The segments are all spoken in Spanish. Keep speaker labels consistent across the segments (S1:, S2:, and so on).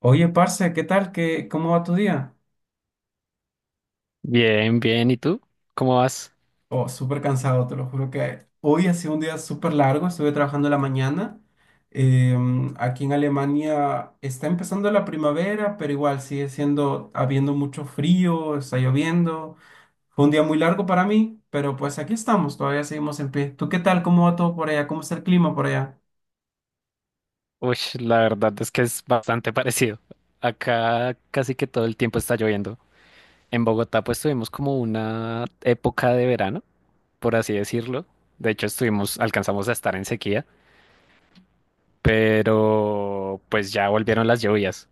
S1: Oye, parce, ¿qué tal? ¿Cómo va tu día?
S2: Bien, bien. ¿Y tú? ¿Cómo vas?
S1: Oh, súper cansado, te lo juro que hoy ha sido un día súper largo, estuve trabajando en la mañana. Aquí en Alemania está empezando la primavera, pero igual habiendo mucho frío, está lloviendo. Fue un día muy largo para mí, pero pues aquí estamos, todavía seguimos en pie. ¿Tú qué tal? ¿Cómo va todo por allá? ¿Cómo está el clima por allá?
S2: Uy, la verdad es que es bastante parecido. Acá casi que todo el tiempo está lloviendo. En Bogotá pues tuvimos como una época de verano, por así decirlo. De hecho estuvimos, alcanzamos a estar en sequía, pero pues ya volvieron las lluvias.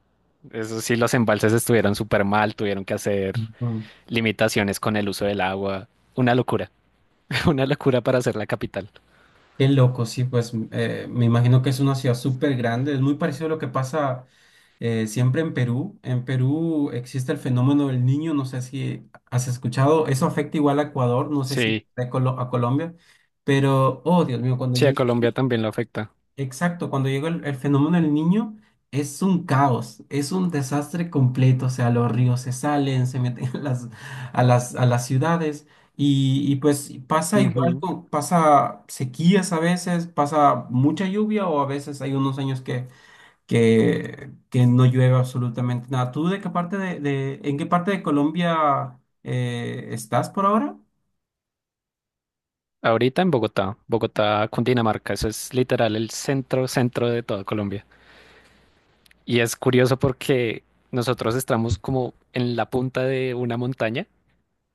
S2: Eso sí, los embalses estuvieron súper mal, tuvieron que hacer
S1: Ujú.
S2: limitaciones con el uso del agua. Una locura, una locura para ser la capital.
S1: Qué loco, sí, pues me imagino que es una ciudad súper grande, es muy parecido a lo que pasa siempre en Perú. En Perú existe el fenómeno del niño, no sé si has escuchado, eso afecta igual a Ecuador, no sé si
S2: Sí,
S1: a Colombia, pero, oh Dios mío, cuando
S2: sí, a
S1: llega...
S2: Colombia también lo afecta.
S1: Exacto, cuando llega el fenómeno del niño es un caos, es un desastre completo, o sea, los ríos se salen, se meten a las ciudades y pues pasa igual,
S2: Ujú.
S1: pasa sequías a veces, pasa mucha lluvia o a veces hay unos años que no llueve absolutamente nada. ¿Tú de qué parte de- en qué parte de Colombia estás por ahora?
S2: Ahorita en Bogotá, Bogotá, Cundinamarca, eso es literal el centro, centro de toda Colombia. Y es curioso porque nosotros estamos como en la punta de una montaña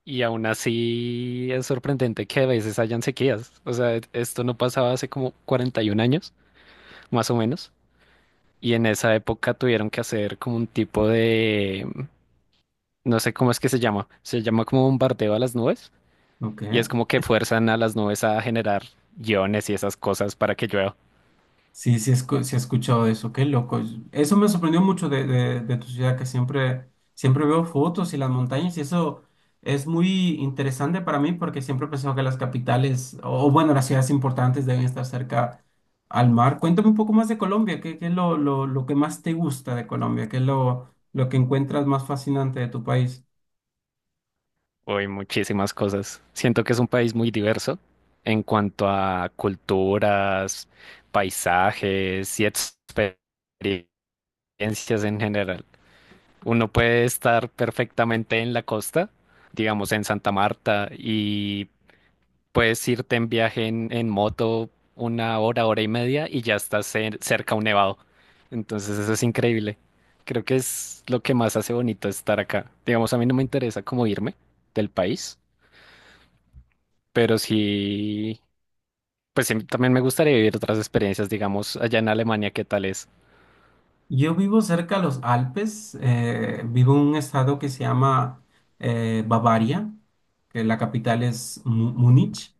S2: y aún así es sorprendente que a veces hayan sequías. O sea, esto no pasaba hace como 41 años, más o menos. Y en esa época tuvieron que hacer como un tipo de, no sé cómo es que se llama como bombardeo a las nubes.
S1: Ok.
S2: Y es como que fuerzan a las nubes a generar iones y esas cosas para que llueva.
S1: Sí, sí he escuchado eso, qué loco. Eso me sorprendió mucho de tu ciudad, siempre veo fotos y las montañas, y eso es muy interesante para mí porque siempre he pensado que las capitales, o bueno, las ciudades importantes deben estar cerca al mar. Cuéntame un poco más de Colombia, ¿qué es lo que más te gusta de Colombia? ¿Qué es lo que encuentras más fascinante de tu país?
S2: Uy, muchísimas cosas. Siento que es un país muy diverso en cuanto a culturas, paisajes y experiencias en general. Uno puede estar perfectamente en la costa, digamos en Santa Marta, y puedes irte en viaje en moto una hora, hora y media y ya estás cerca a un nevado. Entonces eso es increíble. Creo que es lo que más hace bonito estar acá. Digamos, a mí no me interesa cómo irme del país. Pero sí, pues sí, también me gustaría vivir otras experiencias, digamos, allá en Alemania. ¿Qué tal es?
S1: Yo vivo cerca de los Alpes, vivo en un estado que se llama Bavaria, que la capital es Múnich,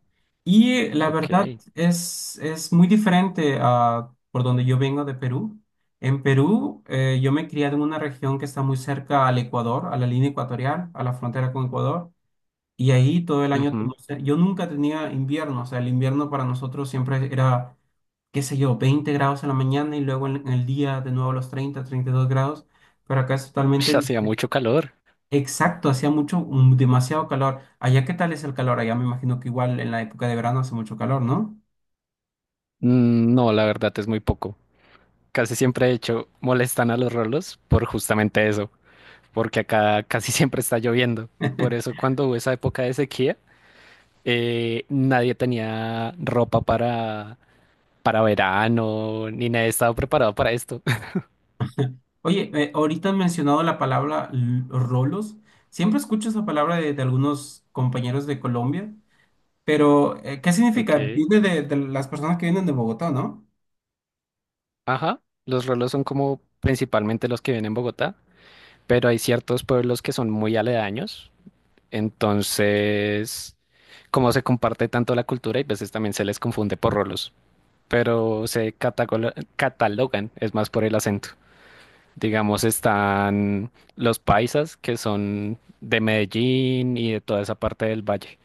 S1: y
S2: Ok.
S1: es muy diferente a por donde yo vengo de Perú. En Perú yo me he criado en una región que está muy cerca al Ecuador, a la línea ecuatorial, a la frontera con Ecuador, y ahí todo el año,
S2: Ujú.
S1: yo nunca tenía invierno, o sea, el invierno para nosotros siempre era qué sé yo, 20 grados en la mañana y luego en el día de nuevo los 30, 32 grados, pero acá es totalmente
S2: Ush, hacía
S1: diferente.
S2: mucho calor.
S1: Exacto, demasiado calor. Allá, ¿qué tal es el calor? Allá me imagino que igual en la época de verano hace mucho calor, ¿no?
S2: Mm, no, la verdad es muy poco. Casi siempre, de hecho, molestan a los rolos por justamente eso, porque acá casi siempre está lloviendo. Por eso cuando hubo esa época de sequía, nadie tenía ropa para verano, ni nadie estaba preparado para esto.
S1: Oye, ahorita han mencionado la palabra rolos. Siempre escucho esa palabra de algunos compañeros de Colombia, pero ¿qué significa?
S2: Ok.
S1: Viene de las personas que vienen de Bogotá, ¿no?
S2: Ajá. Los rolos son como principalmente los que vienen en Bogotá, pero hay ciertos pueblos que son muy aledaños, entonces, como se comparte tanto la cultura, y veces también se les confunde por rolos, pero se catalogan, es más por el acento. Digamos, están los paisas, que son de Medellín y de toda esa parte del valle.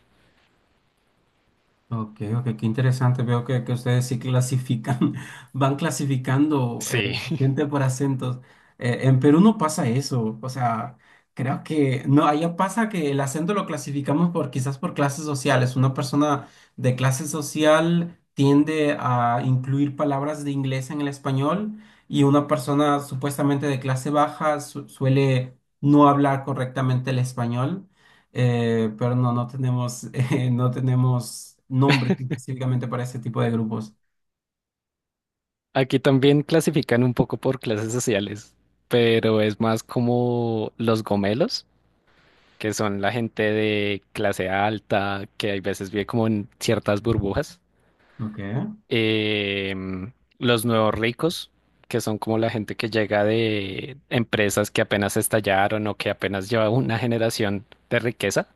S1: Ok, ok, qué interesante. Veo que ustedes sí clasifican, van clasificando
S2: Sí.
S1: gente por acentos. En Perú no pasa eso. O sea, creo que no, allá pasa que el acento lo clasificamos por quizás por clases sociales. Una persona de clase social tiende a incluir palabras de inglés en el español y una persona supuestamente de clase baja suele no hablar correctamente el español. Pero no, no tenemos, no tenemos nombres específicamente para ese tipo de grupos.
S2: Aquí también clasifican un poco por clases sociales, pero es más como los gomelos, que son la gente de clase alta, que hay veces vive como en ciertas burbujas.
S1: Ok.
S2: Em, los nuevos ricos, que son como la gente que llega de empresas que apenas estallaron o que apenas lleva una generación de riqueza.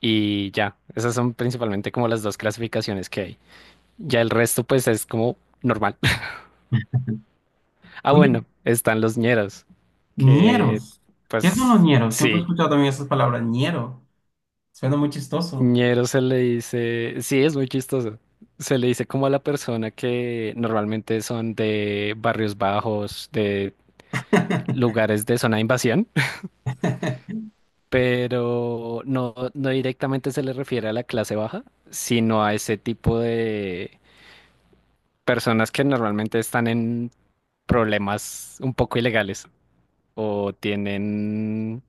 S2: Y ya, esas son principalmente como las dos clasificaciones que hay. Ya el resto pues es como normal. Ah,
S1: Oye,
S2: bueno, están los ñeros, que
S1: ñeros. ¿Qué son los
S2: pues
S1: ñeros? Siempre he
S2: sí.
S1: escuchado también esas palabras, ñero. Suena muy chistoso.
S2: Ñero se le dice, sí, es muy chistoso. Se le dice como a la persona que normalmente son de barrios bajos, de lugares de zona de invasión, pero no, no directamente se le refiere a la clase baja, sino a ese tipo de personas que normalmente están en problemas un poco ilegales o tienen,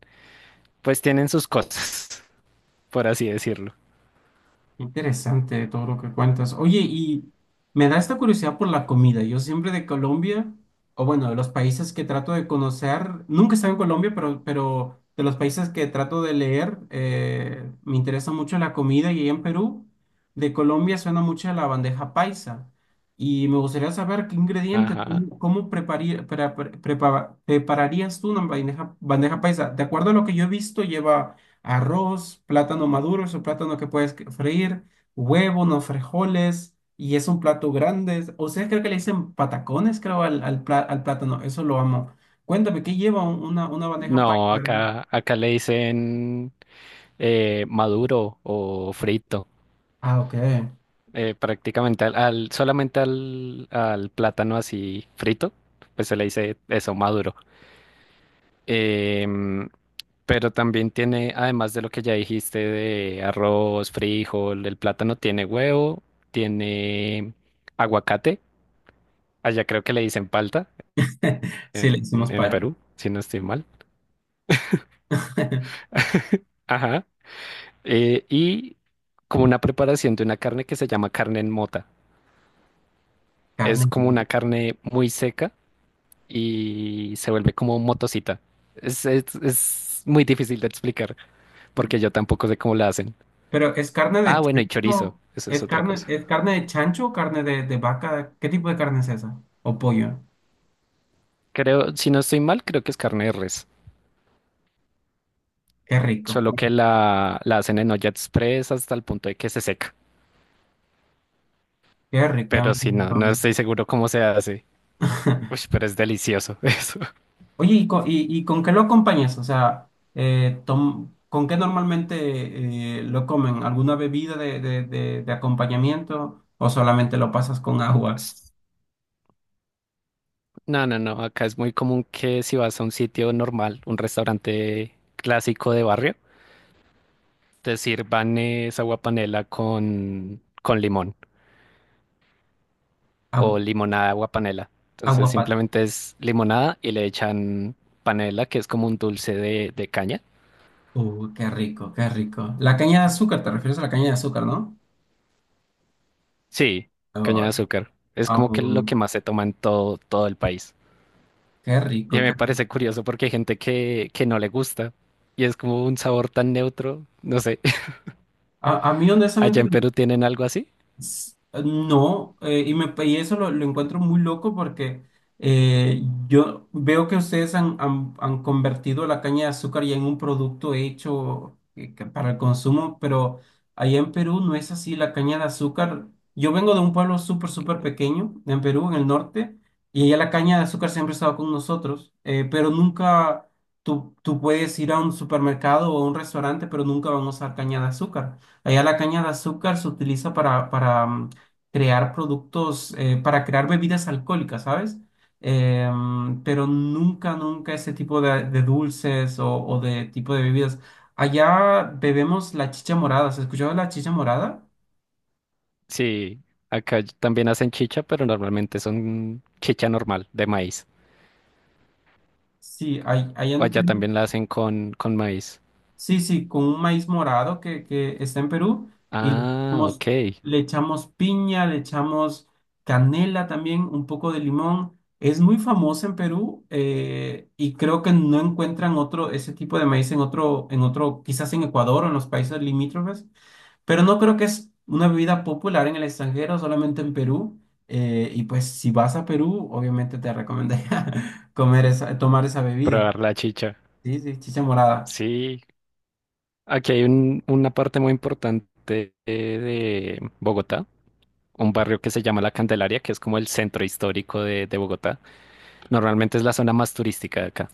S2: pues tienen sus cosas, por así decirlo.
S1: Interesante todo lo que cuentas. Oye, y me da esta curiosidad por la comida. Yo siempre de Colombia, o bueno, de los países que trato de conocer, nunca he estado en Colombia, pero de los países que trato de leer, me interesa mucho la comida. Y ahí en Perú, de Colombia suena mucho a la bandeja paisa. Y me gustaría saber qué ingredientes,
S2: Ajá.
S1: cómo prepararías tú una bandeja paisa. De acuerdo a lo que yo he visto, lleva arroz, plátano maduro, es un plátano que freír, huevo, unos frijoles, y es un plato grande. Ustedes creo que le dicen patacones, creo, al plátano, eso lo amo. Cuéntame, ¿qué lleva una bandeja
S2: No,
S1: paisa?
S2: acá, acá le dicen, maduro o frito,
S1: Ah, ok.
S2: prácticamente solamente al plátano así frito, pues se le dice eso, maduro. Em, pero también tiene, además de lo que ya dijiste de arroz, frijol, el plátano tiene huevo, tiene aguacate, allá creo que le dicen palta
S1: Sí,
S2: en,
S1: le hicimos
S2: en
S1: paisa.
S2: Perú, si no estoy mal. Ajá. Y como una preparación de una carne que se llama carne en mota. Es
S1: Carne.
S2: como una carne muy seca y se vuelve como motocita. Es muy difícil de explicar porque yo tampoco sé cómo la hacen.
S1: Pero ¿es carne
S2: Ah,
S1: de
S2: bueno, y chorizo,
S1: chancho?
S2: eso es otra cosa.
S1: Es carne de chancho o carne de vaca? ¿Qué tipo de carne es esa? ¿O pollo?
S2: Creo, si no estoy mal, creo que es carne de res,
S1: Qué rico.
S2: solo que la hacen en olla express hasta el punto de que se seca.
S1: Qué rico. Ya me-
S2: Pero si no, no estoy seguro cómo se hace. Uy, pero es delicioso eso.
S1: Oye, ¿y y con qué lo acompañas? O sea, ¿con qué normalmente lo comen? ¿Alguna bebida de acompañamiento o solamente lo pasas con agua?
S2: S- No, no, no, acá es muy común que si vas a un sitio normal, un restaurante clásico de barrio, te sirvan esa agua panela con limón. O
S1: Agua,
S2: limonada agua panela. Entonces
S1: agua pa-
S2: simplemente es limonada y le echan panela, que es como un dulce de caña.
S1: Qué rico, qué rico. La caña de azúcar, ¿te refieres a la caña de azúcar, no?
S2: Sí, caña de
S1: Oh,
S2: azúcar. Es
S1: ah,
S2: como que lo que
S1: mm,
S2: más se toma en todo, todo el país.
S1: qué
S2: Y
S1: rico, qué
S2: me
S1: rico.
S2: parece curioso porque hay gente que no le gusta y es como un sabor tan neutro. No sé,
S1: A mí,
S2: ¿allá
S1: honestamente,
S2: en Perú tienen algo así?
S1: S- no, y eso lo encuentro muy loco porque eh, yo veo que ustedes han convertido la caña de azúcar ya en un producto hecho que para el consumo, pero allá en Perú no es así. La caña de azúcar, yo vengo de un pueblo súper, súper
S2: Ok.
S1: pequeño en Perú, en el norte, y allá la caña de azúcar siempre ha estado con nosotros, pero nunca tú puedes ir a un supermercado o a un restaurante, pero nunca van a usar caña de azúcar. Allá la caña de azúcar se utiliza para crear productos, para crear bebidas alcohólicas, ¿sabes? Pero nunca, nunca ese tipo de dulces o de tipo de bebidas. Allá bebemos la chicha morada. ¿Has escuchado la chicha morada?
S2: Sí, acá también hacen chicha, pero normalmente son chicha normal, de maíz.
S1: Sí, hay, allá
S2: O
S1: en
S2: allá
S1: Perú
S2: también la hacen con maíz.
S1: sí, sí, con un maíz morado que está en Perú y
S2: Ah, ok.
S1: le echamos piña, le echamos canela también, un poco de limón. Es muy famosa en Perú y creo que no encuentran otro, ese tipo de maíz en otro, quizás en Ecuador o en los países limítrofes, pero no creo que es una bebida popular en el extranjero, solamente en Perú. Y pues si vas a Perú, obviamente te recomendaría comer esa, tomar esa bebida.
S2: Probar la chicha.
S1: Sí, sí, chicha morada.
S2: Sí, aquí hay una parte muy importante de Bogotá, un barrio que se llama La Candelaria, que es como el centro histórico de Bogotá. Normalmente es la zona más turística de acá.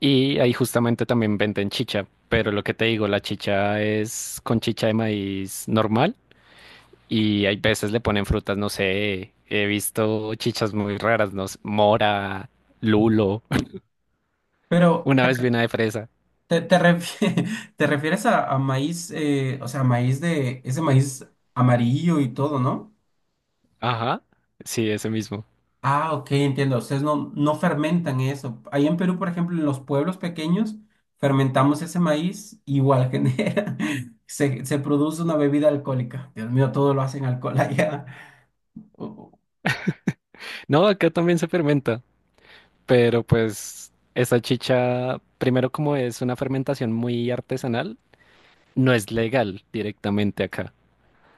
S2: Y ahí justamente también venden chicha, pero lo que te digo, la chicha es con chicha de maíz normal y hay veces le ponen frutas, no sé, he visto chichas muy raras, no sé, mora, lulo,
S1: Pero
S2: una vez vi una de fresa.
S1: Te te refieres a maíz, o sea, maíz de ese maíz amarillo y todo, ¿no?
S2: Ajá, sí, ese mismo.
S1: Ah, ok, entiendo. Ustedes no, no fermentan eso. Ahí en Perú, por ejemplo, en los pueblos pequeños, fermentamos ese maíz, igual genera, se produce una bebida alcohólica. Dios mío, todo lo hacen alcohol allá. Oh,
S2: No, acá también se fermenta, pero pues esa chicha, primero como es una fermentación muy artesanal, no es legal directamente acá.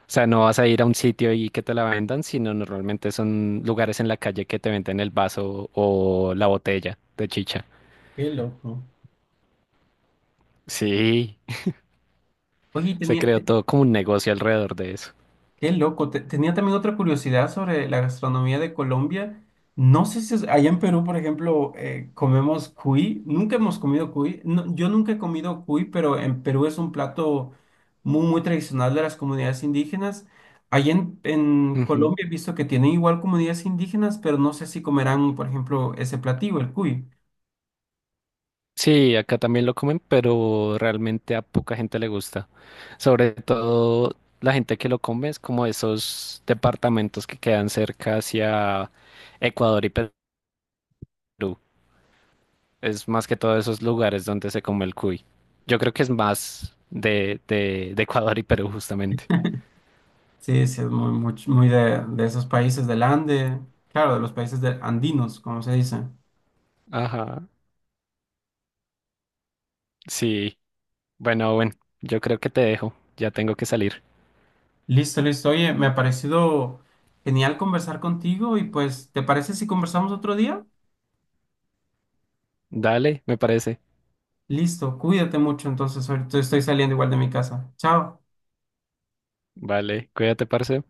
S2: O sea, no vas a ir a un sitio y que te la vendan, sino normalmente son lugares en la calle que te venden el vaso o la botella de chicha.
S1: qué loco.
S2: Sí,
S1: Oye,
S2: se
S1: tenía,
S2: creó todo como un negocio alrededor de eso.
S1: qué loco. Tenía también otra curiosidad sobre la gastronomía de Colombia. No sé si allá en Perú, por ejemplo, comemos cuy. Nunca hemos comido cuy. No, yo nunca he comido cuy, pero en Perú es un plato muy, muy tradicional de las comunidades indígenas. Allá en
S2: Ujú.
S1: Colombia he visto que tienen igual comunidades indígenas, pero no sé si comerán, por ejemplo, ese platillo, el cuy.
S2: Sí, acá también lo comen, pero realmente a poca gente le gusta. Sobre todo la gente que lo come es como esos departamentos que quedan cerca hacia Ecuador y Perú. Es más que todo esos lugares donde se come el cuy. Yo creo que es más de Ecuador y Perú, justamente.
S1: Sí, sí, es muy, muy, muy de esos países del Ande, claro, de los países andinos, como se dice.
S2: Ajá. Sí. Bueno, bueno, yo creo que te dejo. Ya tengo que salir.
S1: Listo, listo. Oye, me ha parecido genial conversar contigo y pues, ¿te parece
S2: Dale, me parece. Vale, cuídate, parce.